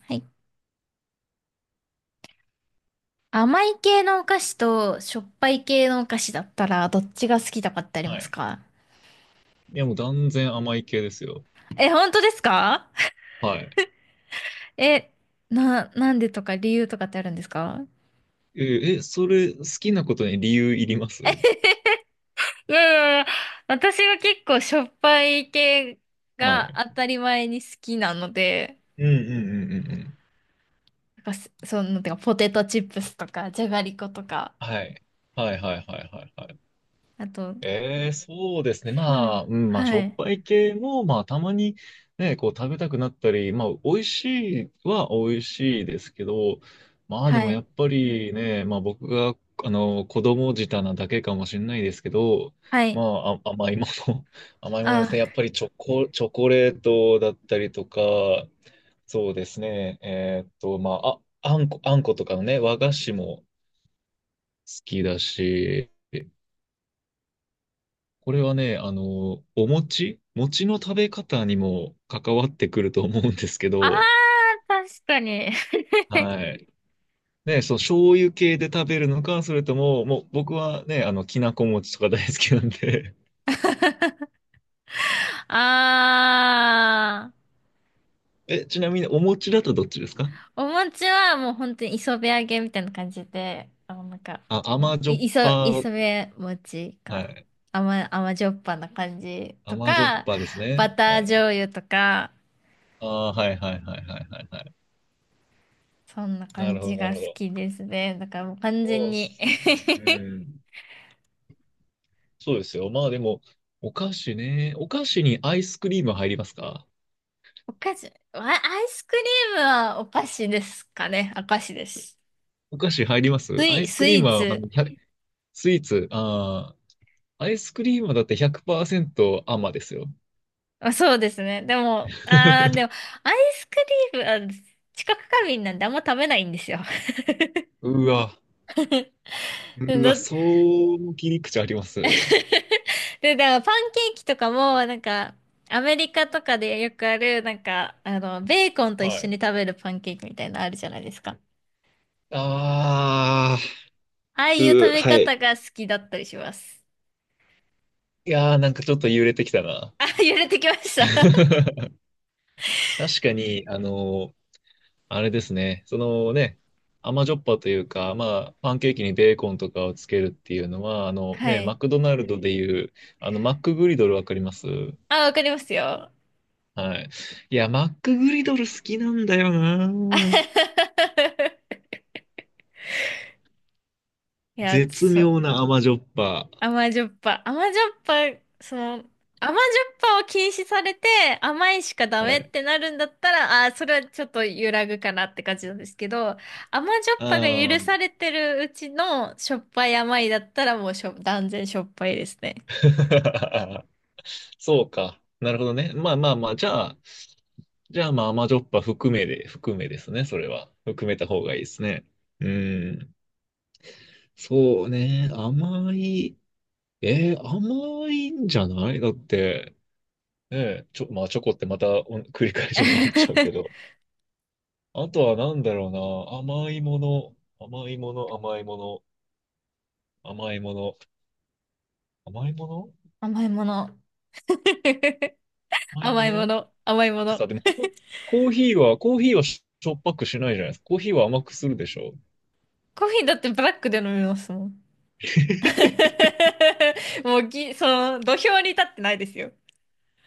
はい。甘い系のお菓子としょっぱい系のお菓子だったらどっちが好きとかってありはますい。か？いや、もう断然甘い系ですよ。え、本当ですか？はい。え、なんでとか理由とかってあるんですか？それ、好きなことに理由いります？いやいやいや、私は結構しょっぱい系はがい。当たり前に好きなので、うんうんうんうんうん。なんかすその、てかポテトチップスとか、じゃがりことか、はい。はいはいはいはいはい。あと、ええ、そうですね。うん、しはょっい、ぱい系も、まあ、たまにね、こう、食べたくなったり、まあ、美味しいは美味しいですけど、ではもやい、っぱりね、まあ、僕が、あの、子供舌なだけかもしれないですけど、はい、甘いもの、甘いものであ、すね。やっぱりチョコレートだったりとか、そうですね。えーっと、まあ、あ、あんこ、あんことかのね、和菓子も好きだし、これはね、あの、餅の食べ方にも関わってくると思うんですけあー、ど、確かに。は い。ね、そう醤油系で食べるのか、それとも、もう僕はね、あの、きなこ餅とか大好きなんで。 あー。え、ちなみにお餅だとどっちですか？お餅はもう本当に磯辺揚げみたいな感じで、あ、甘じょっぱ、磯辺餅はか。い。甘じょっぱな感じと甘じょっか、ぱですね。バターはい。醤油とか、ああ、はいはいはいはいはいはい。そんなな感るほど、じながる好ほきど。ですね。だからもう完そ全うっに。 すね。うん。そうですよ。まあでも、お菓子ね。お菓子にアイスクリーム入りますか？ お菓子、アイスクリームはお菓子ですかね。お菓子です。お菓子入ります？アイスクスリイームーは、あツ。の、ひゃくスイーツ、ああ、アイスクリームはだって100%甘ですよ。まあ、そうですね。でも、あー、でも、アイスクリーム、あ、知覚過敏なんであんま食べないんですよ。うわ、うわ、どそう切り口あります。で、だからパンケーキとかも、なんか、アメリカとかでよくある、ベーコンと一は緒い。に食べるパンケーキみたいなのあるじゃないですか。ああ、ああいう食うー、べはい。方が好きだったりします。いやー、なんかちょっと揺れてきたな。あ、揺れてきました。確かに、あれですね、そのね、甘じょっぱというか、まあ、パンケーキにベーコンとかをつけるっていうのは、あのはね、マい。クドナルドでいう、あの、マックグリドルわかります？あ、わかりますよ。はい。いや、マックグリドル好きなんだよな。いや、絶そう。妙な甘じょっぱ。甘じょっぱ。甘じょっぱ、その、甘じょっぱを禁止されて、甘いしかダはメっい。てなるんだったら、ああ、それはちょっと揺らぐかなって感じなんですけど、甘じょっぱがあ許されあ。てるうちのしょっぱい甘いだったらもう断然しょっぱいですね。そうか。なるほどね。まあまあまあ、じゃあ、じゃあまあ甘じょっぱ含めで、含めですね。それは。含めた方がいいですね。うん。そうね。甘い。えー甘いんじゃないだって、まあチョコってまたお繰り返しになっちゃうけど。あとはなんだろうな。甘いもの、甘いもの、甘いもの、甘いもの、甘いもの、甘いもの。甘いも甘いもの、だの。甘いっもてさ、の。でもココーヒーは、コーヒーはしょっぱくしないじゃないですか。コーヒーは甘くするでしょ。コーヒーだってブラックで飲みますもん。もうぎ、その、土俵に立ってないですよ。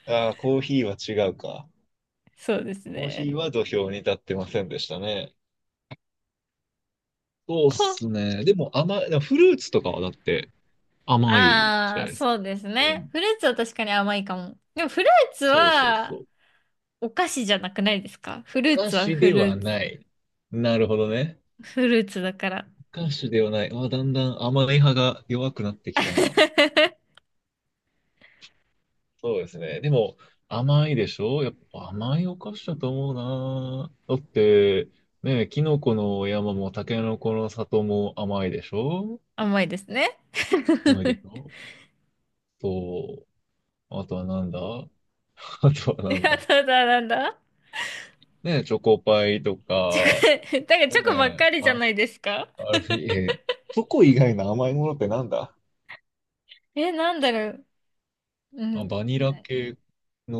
ああ、コーヒーは違うか。そうですコーヒーね。は土俵に立ってませんでしたね。そうっこすね。でも甘い、でもフルーツとかはだって甘いじあゃあ、ないですか。そうですうね。ん。フルーツは確かに甘いかも。でもフルーツそうそうそはう。お菓子じゃなくないですか？おフルー菓ツは子フでルはーツ、ない。なるほどね。フルーツだから。お菓子ではない。あ、だんだん甘い派が弱くなってきたな。そうですね。でも、甘いでしょ、やっぱ甘いお菓子だと思うな。だって、ねえ、キノコの山もタケノコの里も甘いでしょ？甘いですね。甘いでし ょ？そう。あとはなんだ。 あとはいなんや、だ、ただなんだ。ねえ、チョコパイとチョか、コ、だからチねョコばっえ、かりじゃあ、ないですか？あれ、え、チョコ以外の甘いものってなんだ？え、なんだろう。うあ、ん。バニラ系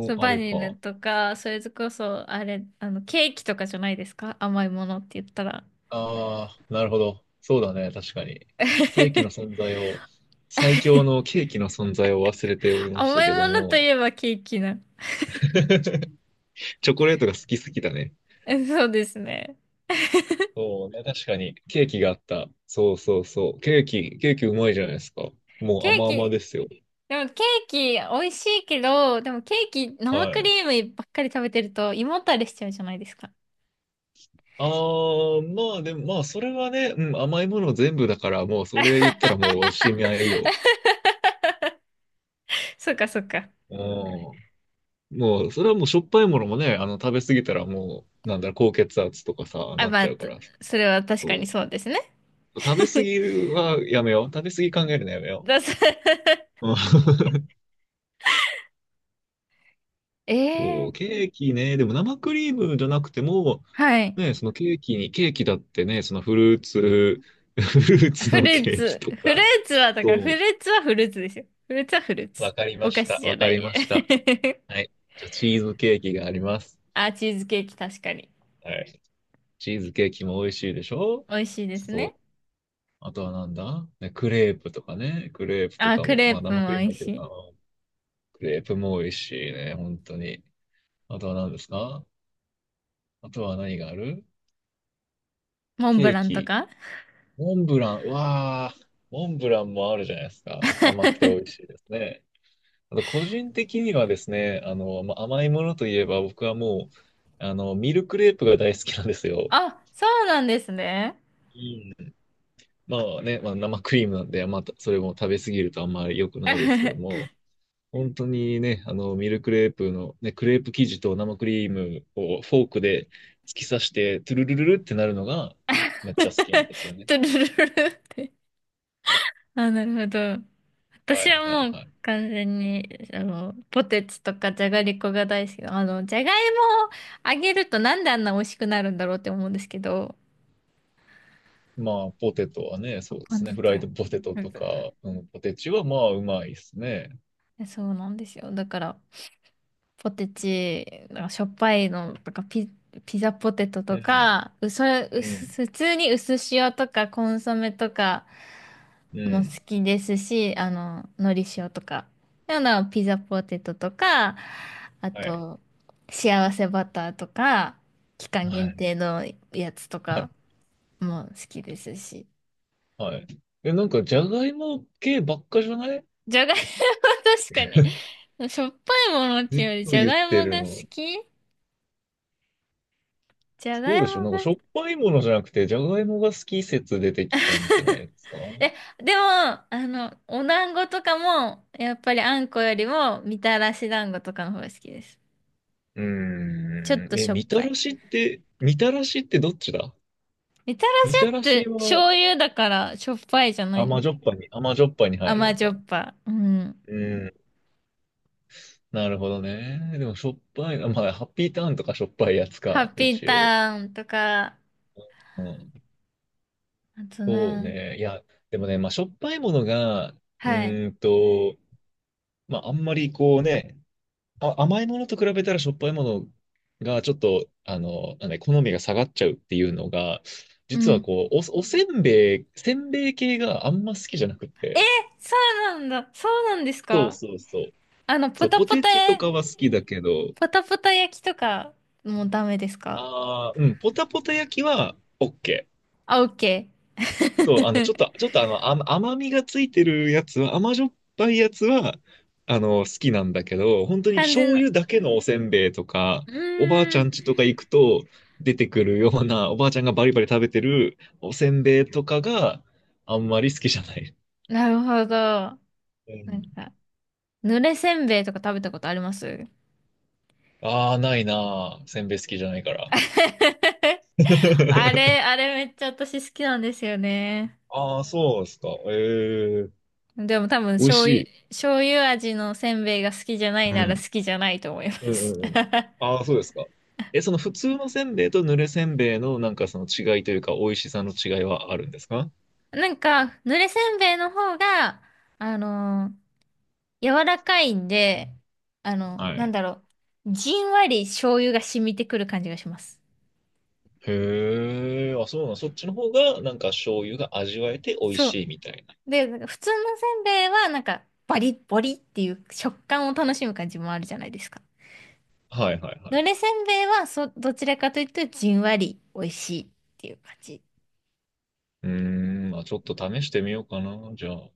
そう、あバれニラか。とか、それこそ、あれ、あの、ケーキとかじゃないですか、甘いものって言ったら。ああ、なるほど。そうだね、確かに。ケーキの 存在を、最強のケーキの存在を忘れておりました甘いけどものといも、えばケーキな。チョコレートが好きすぎだね。えそうですね。そうね、確かに。ケーキがあった。そうそうそう。ケーキうまいじゃないですか。もうケー甘キ、々ですよ。でもケーキ美味しいけど、でもケーキ生はクい。リームばっかり食べてると胃もたれしちゃうじゃないですか。ああ、まあでも、まあそれはね、うん、甘いもの全部だから、もうそれ言ったらもうおしまいよ。そうかそうか。うん。もう、それはもうしょっぱいものもね、あの、食べ過ぎたらもう、なんだろう、高血圧とかさ、あ、なっまちあ、ゃうかとら、それは確かにそそうですね。う。食べ過ぎはやめよう。食べ過ぎ考えるのやめよだす う。うん。 そ えう、え、ケーキね、でも生クリームじゃなくても、はい。ね、ケーキだってね、そのフルーツ、フルーツフのルーケーキツ。とフルか、ーツは、だからフルそーツはフルーツですよ。フルーツはフルーう、ツ。わかりおま菓し子た。じゃわなかい。りました。はい。じゃあ、チーズケーキがあります。あ、チーズケーキ確かに。はい。チーズケーキも美味しいでしょ？美味しいですそね。う。あとはなんだね、クレープとかね。クレープとあ、かクも。レまあープ生クもリー美ム味入ってしるかい。な。クレープも美味しいね、本当に。あとは何ですか？あとは何がある？モンブケーランとキ。か。モンブラン。うわあ、モンブランもあるじゃないですか。甘くて美味しいですね。あと個人的にはですね、あの、まあ、甘いものといえば僕はもう、あの、ミルクレープが大好きなんですよ。あ、そうなんですね。うん。まあね、まあ、生クリームなんで、まあ、それも食べ過ぎるとあんまり良くないですけど も。本当にね、あの、ミルクレープの、ね、クレープ生地と生クリームをフォークで突き刺して、トゥルルルルってなるのがめっちゃ好きなんですよね。トゥルルルって。あ、なるほど。は私はいはいもうはい。完全に、あの、ポテチとかじゃがりこが大好きで。あの、じゃがいもをあげるとなんであんな美味しくなるんだろうって思うんですけど。まあ、ポテトはね、そうで本すね。日。フライドポテト本とか、日。うん、ポテチはまあ、うまいですね。そうなんですよ。だから、ポテチ、なんかしょっぱいのとか、ピザポテトうとん、か、うそ、ううすん、普通に薄塩とかコンソメとか、うも好ん。きですし、あの、のり塩とか、あの、ピザポテトとか、あはい。と、幸せバターとか、期間は限い。定のやつとはい。かも好きですし。はい。え、なんか、じゃがいも系ばっかじゃない？じゃがいも。 確かに。しょっぱいものっずていっうより、とじゃ言っがいてもるがの。好き。じゃがそういでしょ、もなんがか、好しき。ょっぱいものじゃなくて、じゃがいもが好き説出てきたんじゃないですか？え、でも、あの、お団子とかも、やっぱりあんこよりも、みたらし団子とかの方が好きです。うちょっーとん。え、しょっぱい。みたらしってどっちだ？みたらみたしっらてし醤は油だからしょっぱいじゃないの？甘じょっぱいに、甘じょっぱいに入る甘のじょか。っぱ。うん。うん。なるほどね。でもしょっぱいな、まあ、ハッピーターンとかしょっぱいやつハか、ッピー一応。ターンとか、うん。あとそうな、ね。いや、でもね、まあ、しょっぱいものが、うはい。ーんと、まあ、あんまりこうね、あ、甘いものと比べたらしょっぱいものがちょっと、あの、なんだ、好みが下がっちゃうっていうのが、う実はん。こう、お、おせんべい、せんべい系があんま好きじゃなくて。そうなんだ。そうなんですそうか？そうそう。あの、ポそう、タポポテタ、チとかは好きだけど、ポタポタ焼きとかもうダメですか？ああ、うん、ポタポタ焼きは OK。あ、オッケそう、あの、ー。ちょっとあの、甘みがついてるやつは、甘じょっぱいやつは、あの、好きなんだけど、本当 に完全醤な。油だけのおせんべいとか、うおばあちーゃんん。家とか行くと出てくるような、おばあちゃんがバリバリ食べてるおせんべいとかがあんまり好きじゃない。なるほど。うなん。んか、濡れせんべいとか食べたことあります？ ああ、ないなあ。せんべい好きじゃないから。あれ、あれめっちゃ私好きなんですよね。ああ、そうですか。ええ、でも多分美味醤し油、い。醤油味のせんべいが好きじゃないうならん。好きじゃないと思いまうんす。うんう ん。ああ、そうですか。え、その普通のせんべいとぬれせんべいのなんかその違いというか美味しさの違いはあるんですか？なんか、濡れせんべいの方が、あのー柔らかいんで、あの、はなんい。だろう、じんわり醤油が染みてくる感じがします。へえ、あ、そうなん、そっちの方がなんか醤油が味わえて美味そしう。いみたいな。で、なんか普通のせんべいは、なんか、バリッボリっていう食感を楽しむ感じもあるじゃないですか。はいはいはい。濡れせんべいは、そ、どちらかというと、じんわり美味しいっていう感じ。うーん、まあちょっと試してみようかな、じゃあ。